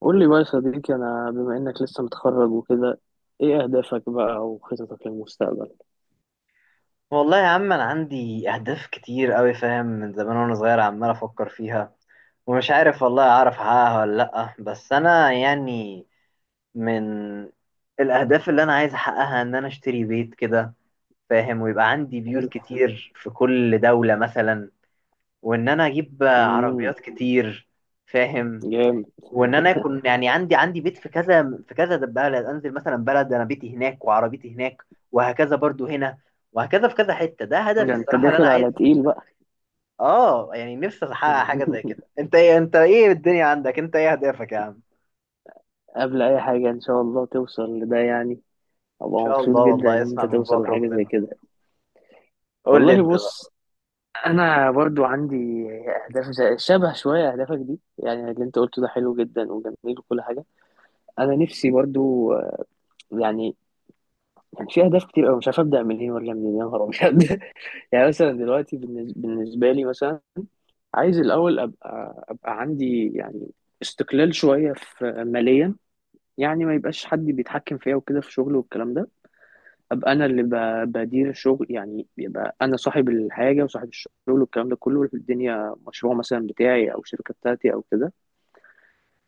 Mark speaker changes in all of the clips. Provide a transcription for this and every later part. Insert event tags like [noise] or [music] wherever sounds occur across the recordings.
Speaker 1: قول لي بقى يا صديقي، أنا بما إنك لسه متخرج وكده، إيه أهدافك بقى وخططك للمستقبل؟
Speaker 2: والله يا عم انا عندي اهداف كتير قوي، فاهم؟ من زمان وانا صغير عمال افكر فيها ومش عارف والله اعرف احققها ولا لا. بس انا يعني من الاهداف اللي انا عايز احققها ان انا اشتري بيت كده، فاهم؟ ويبقى عندي بيوت
Speaker 1: حلو.
Speaker 2: كتير في كل دولة مثلا، وان انا اجيب
Speaker 1: امم
Speaker 2: عربيات كتير، فاهم؟
Speaker 1: جامد.
Speaker 2: وان انا اكون يعني عندي بيت في كذا، في كذا بلد، انزل مثلا بلد انا بيتي هناك وعربيتي هناك، وهكذا برضو هنا، وهكذا في كذا حتة. ده
Speaker 1: [laughs]
Speaker 2: هدفي
Speaker 1: ده أنت
Speaker 2: الصراحة اللي انا
Speaker 1: داخل
Speaker 2: عايز.
Speaker 1: على تقيل بقى.
Speaker 2: اه يعني نفسي احقق حاجة زي كده.
Speaker 1: [laughs]
Speaker 2: انت ايه؟ انت ايه الدنيا عندك؟ انت ايه اهدافك يا عم؟ ان
Speaker 1: قبل أي حاجة إن شاء الله توصل لده، يعني أبقى
Speaker 2: شاء
Speaker 1: مبسوط
Speaker 2: الله
Speaker 1: جدا
Speaker 2: والله
Speaker 1: إن أنت
Speaker 2: اسمع من
Speaker 1: توصل
Speaker 2: بوك
Speaker 1: لحاجة زي
Speaker 2: ربنا.
Speaker 1: كده.
Speaker 2: قول لي
Speaker 1: والله
Speaker 2: انت بقى.
Speaker 1: بص، أنا برضو عندي أهداف شبه شوية أهدافك دي، يعني اللي أنت قلته ده حلو جدا وجميل وكل حاجة. أنا نفسي برضو يعني كان في أهداف كتير أوي مش عارف أبدأ منين ولا منين، يا نهار أبيض. يعني مثلا دلوقتي بالنسبة لي مثلا عايز الأول أبقى عندي، يعني استقلال شوية في ماليا، يعني ما يبقاش حد بيتحكم فيا وكده في شغله والكلام ده. أبقى أنا اللي بدير الشغل، يعني يبقى أنا صاحب الحاجة وصاحب الشغل والكلام ده كله، الدنيا مشروع مثلا بتاعي أو شركة بتاعتي أو كده.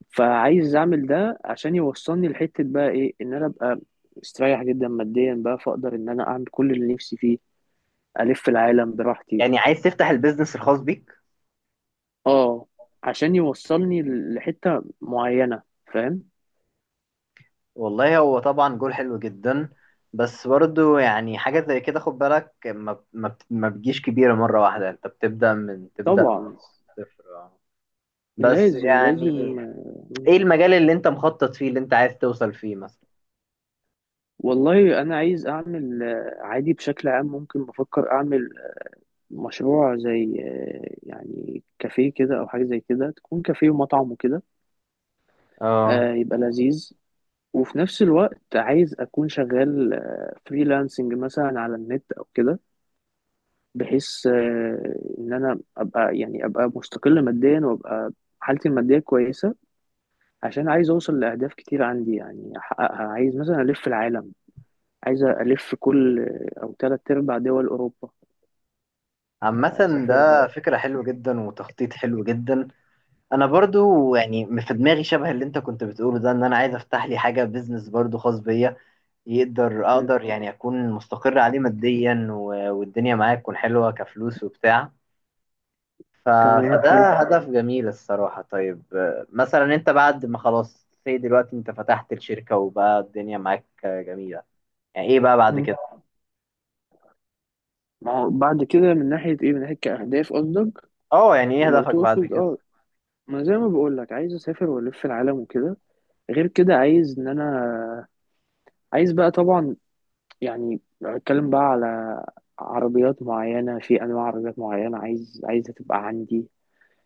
Speaker 1: فعايز أعمل ده عشان يوصلني لحتة بقى، إيه؟ إن أنا أبقى مستريح جدا ماديا بقى، فأقدر إن أنا أعمل كل اللي نفسي فيه، ألف العالم براحتي.
Speaker 2: يعني عايز تفتح البيزنس الخاص بيك؟
Speaker 1: اه، عشان يوصلني لحتة معينة، فاهم.
Speaker 2: والله هو طبعا جول حلو جدا، بس برضو يعني حاجة زي كده خد بالك ما ما بتجيش كبيرة مرة واحدة. انت بتبدأ من تبدأ من
Speaker 1: طبعا.
Speaker 2: الصفر. بس
Speaker 1: لازم
Speaker 2: يعني
Speaker 1: لازم
Speaker 2: ايه المجال اللي انت مخطط فيه، اللي انت عايز توصل فيه مثلا؟
Speaker 1: والله انا عايز اعمل عادي بشكل عام، ممكن بفكر اعمل مشروع زي يعني كافيه كده او حاجة زي كده، تكون كافيه ومطعم وكده.
Speaker 2: اه،
Speaker 1: يبقى لذيذ. وفي نفس الوقت عايز اكون شغال فريلانسنج مثلا على النت او كده، بحيث ان انا ابقى، يعني ابقى مستقل ماديا وابقى حالتي المادية كويسة، عشان عايز اوصل لاهداف كتير عندي يعني احققها. عايز مثلا الف العالم، عايز الف كل او تلات ارباع دول اوروبا،
Speaker 2: عامة ده
Speaker 1: اسافرها.
Speaker 2: فكرة حلوة جدا وتخطيط حلو جدا. انا برضو يعني في دماغي شبه اللي انت كنت بتقوله ده، ان انا عايز افتح لي حاجة بيزنس برضو خاص بيا، يقدر
Speaker 1: مم.
Speaker 2: اقدر يعني اكون مستقر عليه ماديا والدنيا معايا تكون حلوة كفلوس وبتاع. ف...
Speaker 1: تمام، حلو.
Speaker 2: فده هدف جميل الصراحة. طيب مثلا انت بعد ما خلاص زي دلوقتي انت فتحت الشركة وبقى الدنيا معاك جميلة، يعني ايه بقى بعد
Speaker 1: مم.
Speaker 2: كده؟
Speaker 1: ما هو بعد كده من ناحيه ايه؟ من ناحيه كاهداف قصدك؟
Speaker 2: اه يعني ايه
Speaker 1: لو
Speaker 2: هدفك بعد
Speaker 1: تقصد
Speaker 2: كده؟
Speaker 1: ما زي ما بقول لك، عايز اسافر والف العالم وكده. غير كده عايز ان انا عايز بقى طبعا، يعني اتكلم بقى على عربيات معينه، في انواع عربيات معينه عايزها تبقى عندي.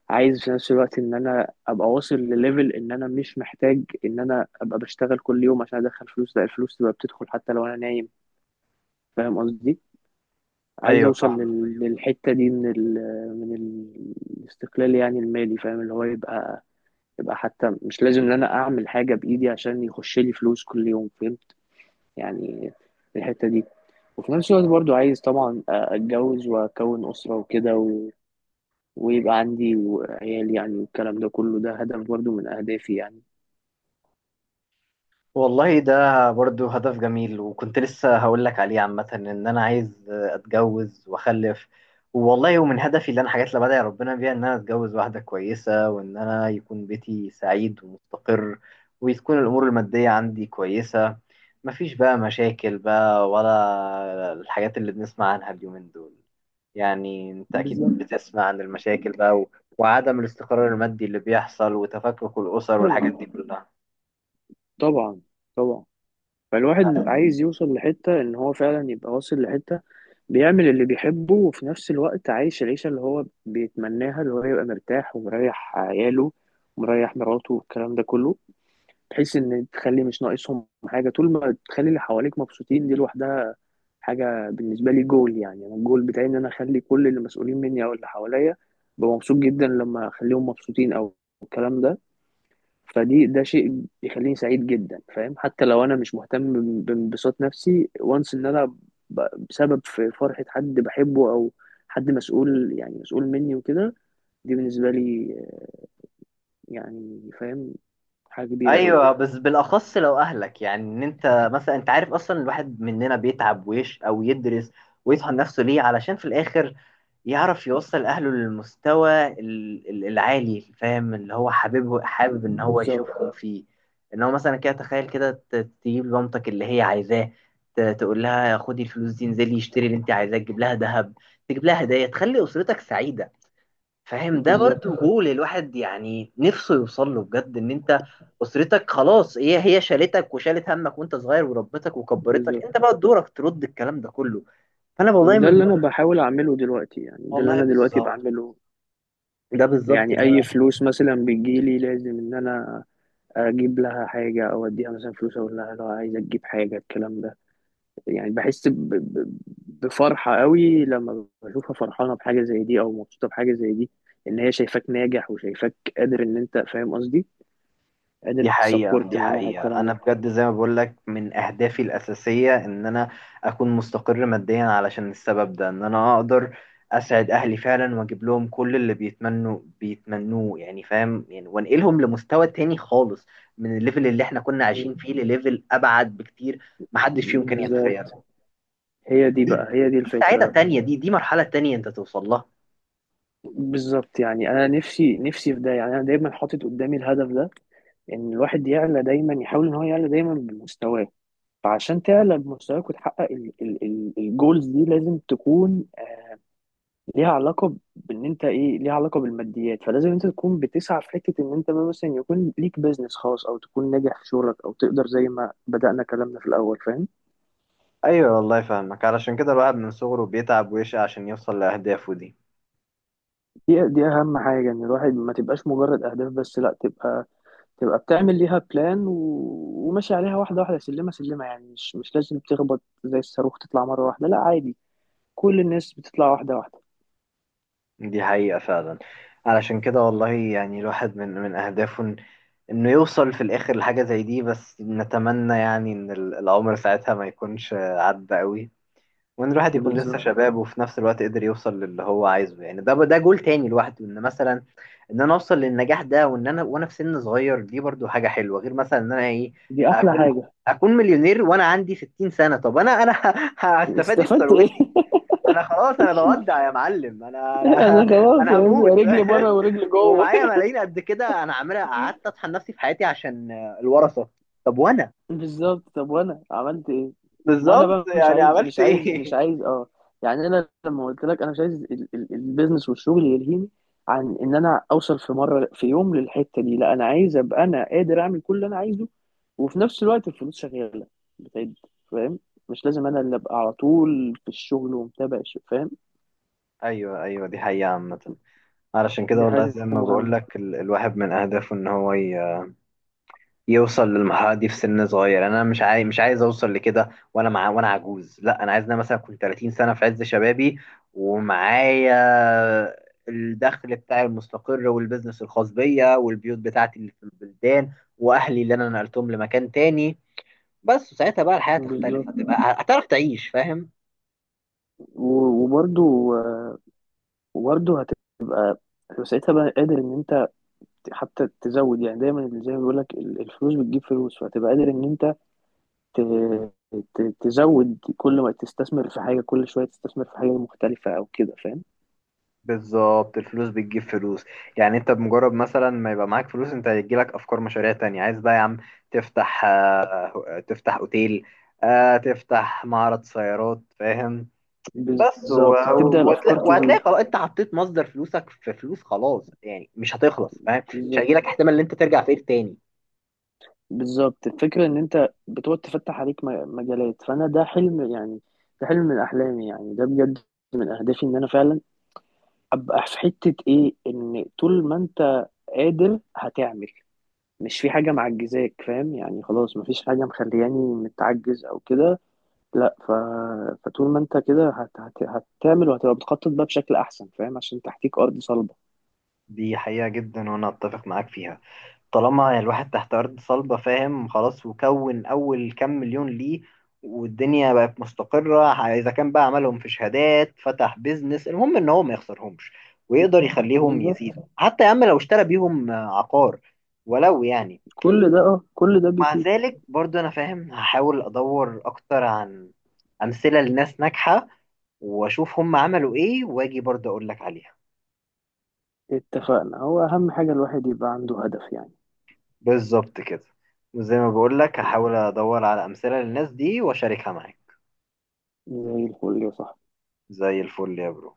Speaker 1: عايز في نفس الوقت ان انا ابقى واصل لليفل، ان انا مش محتاج ان انا ابقى بشتغل كل يوم عشان ادخل فلوس، لا الفلوس تبقى بتدخل حتى لو انا نايم، فاهم قصدي. عايز
Speaker 2: ايوه
Speaker 1: اوصل
Speaker 2: فاهمة.
Speaker 1: للحتة دي، من الاستقلال يعني المالي، فاهم، اللي هو يبقى حتى مش لازم ان انا اعمل حاجة بايدي عشان يخش لي فلوس كل يوم، فاهم. يعني الحتة دي، وفي نفس الوقت برضو عايز طبعا اتجوز واكون اسرة وكده، و... ويبقى عندي عيال يعني والكلام ده كله، ده هدف برضو من اهدافي يعني.
Speaker 2: والله ده برضو هدف جميل، وكنت لسه هقول لك عليه. عامة ان انا عايز اتجوز واخلف، والله ومن هدفي اللي انا حاجات اللي بدعي ربنا بيها ان انا اتجوز واحدة كويسة، وان انا يكون بيتي سعيد ومستقر، وتكون الامور المادية عندي كويسة. مفيش بقى مشاكل بقى ولا الحاجات اللي بنسمع عنها اليومين دول. يعني انت اكيد
Speaker 1: بالظبط.
Speaker 2: بتسمع عن المشاكل بقى وعدم الاستقرار المادي اللي بيحصل وتفكك الاسر والحاجات
Speaker 1: طبعا،
Speaker 2: دي كلها.
Speaker 1: طبعا، طبعا. فالواحد عايز يوصل لحتة ان هو فعلا يبقى واصل لحتة، بيعمل اللي بيحبه وفي نفس الوقت عايش العيشة اللي هو بيتمناها، اللي هو يبقى مرتاح ومريح عياله ومريح مراته والكلام ده كله، بحيث ان تخلي مش ناقصهم حاجة. طول ما تخلي اللي حواليك مبسوطين، دي لوحدها حاجة بالنسبة لي. جول يعني، انا الجول بتاعي ان انا اخلي كل اللي مسؤولين مني او اللي حواليا، ببقى مبسوط جدا لما اخليهم مبسوطين او الكلام ده. فدي، ده شيء بيخليني سعيد جدا، فاهم، حتى لو انا مش مهتم بانبساط نفسي وانس، ان انا بسبب في فرحة حد بحبه او حد مسؤول، يعني مسؤول مني وكده. دي بالنسبة لي يعني فاهم، حاجة كبيرة قوي.
Speaker 2: ايوه بس بالاخص لو اهلك، يعني ان انت مثلا، انت عارف اصلا الواحد مننا بيتعب ويش او يدرس ويطحن نفسه ليه؟ علشان في الاخر يعرف يوصل اهله للمستوى العالي، فاهم؟ اللي هو حاببه، حابب ان هو
Speaker 1: بالظبط،
Speaker 2: يشوفهم فيه. ان هو مثلا كده، تخيل كده، تجيب لمامتك اللي هي عايزاه، تقول لها خدي الفلوس دي انزلي اشتري اللي انت عايزاه، تجيب لها ذهب، تجيب لها هدايا، تخلي اسرتك سعيده. فاهم؟ ده برضو
Speaker 1: بالظبط،
Speaker 2: جول الواحد يعني نفسه يوصل له بجد. ان انت اسرتك خلاص هي شالتك وشالت همك وانت صغير وربتك وكبرتك،
Speaker 1: بالظبط.
Speaker 2: انت بقى دورك ترد الكلام ده كله. فانا والله
Speaker 1: وده
Speaker 2: من...
Speaker 1: اللي انا بحاول اعمله دلوقتي، يعني ده اللي
Speaker 2: والله
Speaker 1: انا دلوقتي
Speaker 2: بالظبط.
Speaker 1: بعمله.
Speaker 2: ده بالظبط
Speaker 1: يعني
Speaker 2: اللي
Speaker 1: اي
Speaker 2: أنا.
Speaker 1: فلوس مثلا بتجيلي، لازم ان انا اجيب لها حاجة او اديها مثلا فلوس اقول لها لو عايزة تجيب حاجة الكلام ده. يعني بحس بفرحة قوي لما بشوفها فرحانة بحاجة زي دي أو مبسوطة بحاجة زي دي، إن هي شايفاك ناجح وشايفاك قادر، إن أنت فاهم قصدي، قادر
Speaker 2: دي حقيقة،
Speaker 1: تسبورت
Speaker 2: دي
Speaker 1: معاها
Speaker 2: حقيقة.
Speaker 1: الكلام
Speaker 2: أنا
Speaker 1: ده.
Speaker 2: بجد زي ما بقولك من أهدافي الأساسية إن أنا أكون مستقر ماديا علشان السبب ده، إن أنا أقدر أسعد أهلي فعلا وأجيب لهم كل اللي بيتمنوه، يعني فاهم يعني؟ وأنقلهم لمستوى تاني خالص، من الليفل اللي إحنا كنا
Speaker 1: م.
Speaker 2: عايشين فيه لليفل أبعد بكتير، محدش فيهم كان
Speaker 1: بالظبط.
Speaker 2: يتخيله.
Speaker 1: هي دي
Speaker 2: دي سعادة
Speaker 1: الفكرة.
Speaker 2: تانية، دي مرحلة تانية أنت توصل لها.
Speaker 1: بالظبط، يعني أنا نفسي نفسي في ده، يعني أنا دايما حاطط قدامي الهدف ده، إن الواحد يعلى دايما، يحاول إن هو يعلى دايما بمستواه. فعشان تعلى بمستواك وتحقق الجولز دي، لازم تكون ليها علاقة بإن أنت إيه، ليها علاقة بالماديات، فلازم أنت تكون بتسعى في حتة، إن أنت مثلا يكون ليك بيزنس خاص، أو تكون ناجح في شغلك، أو تقدر زي ما بدأنا كلامنا في الأول، فاهم.
Speaker 2: أيوة والله فاهمك. علشان كده الواحد من صغره بيتعب ويشقى عشان يوصل لأهدافه دي.
Speaker 1: دي أهم حاجة، إن الواحد ما تبقاش مجرد أهداف بس، لأ، تبقى بتعمل ليها بلان، و... وماشي عليها واحدة واحدة سلمة سلمة، يعني مش لازم تخبط زي الصاروخ تطلع مرة واحدة، لأ عادي، كل الناس بتطلع واحدة واحدة.
Speaker 2: دي حقيقة فعلا. علشان كده والله، يعني الواحد من أهدافه إنه يوصل في الآخر لحاجة زي دي. بس نتمنى يعني إن العمر ساعتها ما يكونش عدى قوي، وإن الواحد يكون لسه
Speaker 1: بالظبط.
Speaker 2: شباب وفي نفس الوقت قدر يوصل للي هو عايزه. يعني ده ده جول تاني لوحده، إن مثلا إن أنا أوصل للنجاح ده وإن أنا، وأنا في سن صغير، دي برضو حاجة حلوة. غير مثلا إن أنا إيه،
Speaker 1: دي أحلى
Speaker 2: أكون
Speaker 1: حاجة.
Speaker 2: أكون مليونير وأنا عندي 60 سنة. طب أنا أنا [laughs] هستفاد إيه
Speaker 1: استفدت إيه؟
Speaker 2: بثروتي؟
Speaker 1: [laughs]
Speaker 2: انا خلاص انا بودع يا معلم. انا انا
Speaker 1: أنا
Speaker 2: [laughs]
Speaker 1: خلاص يا
Speaker 2: انا هموت
Speaker 1: باشا، رجلي بره ورجلي
Speaker 2: [laughs]
Speaker 1: جوه.
Speaker 2: ومعايا ملايين قد كده، انا عاملها قعدت اطحن نفسي في حياتي عشان الورثه؟ طب وانا؟
Speaker 1: بالظبط، طب وانا عملت ايه؟ ما انا
Speaker 2: بالظبط،
Speaker 1: بقى مش
Speaker 2: يعني
Speaker 1: عايز
Speaker 2: عملت
Speaker 1: مش عايز مش
Speaker 2: ايه؟
Speaker 1: عايز اه يعني انا لما قلت لك انا مش عايز البيزنس والشغل يلهيني عن ان انا اوصل في مره في يوم للحته دي، لا انا عايز ابقى انا قادر اعمل كل اللي انا عايزه، وفي نفس الوقت الفلوس شغاله بتعد، فاهم، مش لازم انا اللي ابقى على طول في الشغل ومتابع الشغل، فاهم.
Speaker 2: [laughs] ايوه ايوه دي حقيقه عامه. علشان كده
Speaker 1: دي
Speaker 2: والله
Speaker 1: حاجه
Speaker 2: زي ما بقول
Speaker 1: مهمه.
Speaker 2: لك الواحد من اهدافه ان هو يوصل للمرحلة دي في سن صغير. انا مش عايز، مش عايز اوصل لكده وانا مع، وانا عجوز. لا انا عايز ان انا مثلا كنت 30 سنة في عز شبابي، ومعايا الدخل بتاعي المستقر والبزنس الخاص بيا والبيوت بتاعتي اللي في البلدان واهلي اللي انا نقلتهم لمكان تاني. بس ساعتها بقى الحياة
Speaker 1: بالظبط
Speaker 2: تختلف، هتبقى هتعرف تعيش فاهم؟
Speaker 1: وبرضو وبرضو هتبقى ساعتها بقى قادر ان انت حتى تزود، يعني دايما زي ما بيقول لك الفلوس بتجيب فلوس، فهتبقى قادر ان انت ت- تزود، كل ما تستثمر في حاجه كل شويه تستثمر في حاجه مختلفه او كده، فاهم.
Speaker 2: بالظبط، الفلوس بتجيب فلوس. يعني انت بمجرد مثلا ما يبقى معاك فلوس، انت هيجيلك افكار مشاريع تانية. عايز بقى يا عم تفتح تفتح اوتيل، تفتح معرض سيارات، فاهم؟ بس
Speaker 1: بالظبط، بتبدا الافكار
Speaker 2: وهتلاقي
Speaker 1: تزيد.
Speaker 2: خلاص انت حطيت مصدر فلوسك في فلوس، خلاص يعني مش هتخلص فاهم؟ مش
Speaker 1: بالظبط،
Speaker 2: هيجيلك احتمال ان انت ترجع فقير تاني.
Speaker 1: بالظبط. الفكره ان انت بتقعد تفتح عليك مجالات، فانا ده حلم يعني، ده حلم من احلامي يعني، ده بجد من اهدافي، ان انا فعلا ابقى في حته، ايه؟ ان طول ما انت قادر هتعمل، مش في حاجة معجزاك، فاهم يعني، خلاص مفيش حاجة مخلياني متعجز أو كده، لا فطول ما أنت كده هتعمل وهتبقى بتخطط بقى بشكل أحسن، فاهم، عشان تحتيك أرض صلبة.
Speaker 2: دي حقيقة جدا وانا اتفق معاك فيها. طالما الواحد تحت أرض صلبة فاهم، خلاص، وكون أول كام مليون ليه والدنيا بقت مستقرة، إذا كان بقى عملهم في شهادات، فتح بيزنس، المهم إن هو ما يخسرهمش
Speaker 1: م.
Speaker 2: ويقدر يخليهم
Speaker 1: بالظبط،
Speaker 2: يزيدوا. حتى يا عم لو اشترى بيهم عقار، ولو يعني،
Speaker 1: كل ده
Speaker 2: مع
Speaker 1: بيفيد.
Speaker 2: ذلك برضو أنا فاهم هحاول أدور أكتر عن أمثلة لناس ناجحة وأشوف هم عملوا إيه وأجي برضو أقول لك عليها.
Speaker 1: اتفقنا، هو أهم حاجة الواحد يبقى عنده هدف يعني.
Speaker 2: بالظبط كده. وزي ما بقول لك هحاول أدور على أمثلة للناس دي وأشاركها معاك.
Speaker 1: زي الفل يا صاحبي.
Speaker 2: زي الفل يا برو.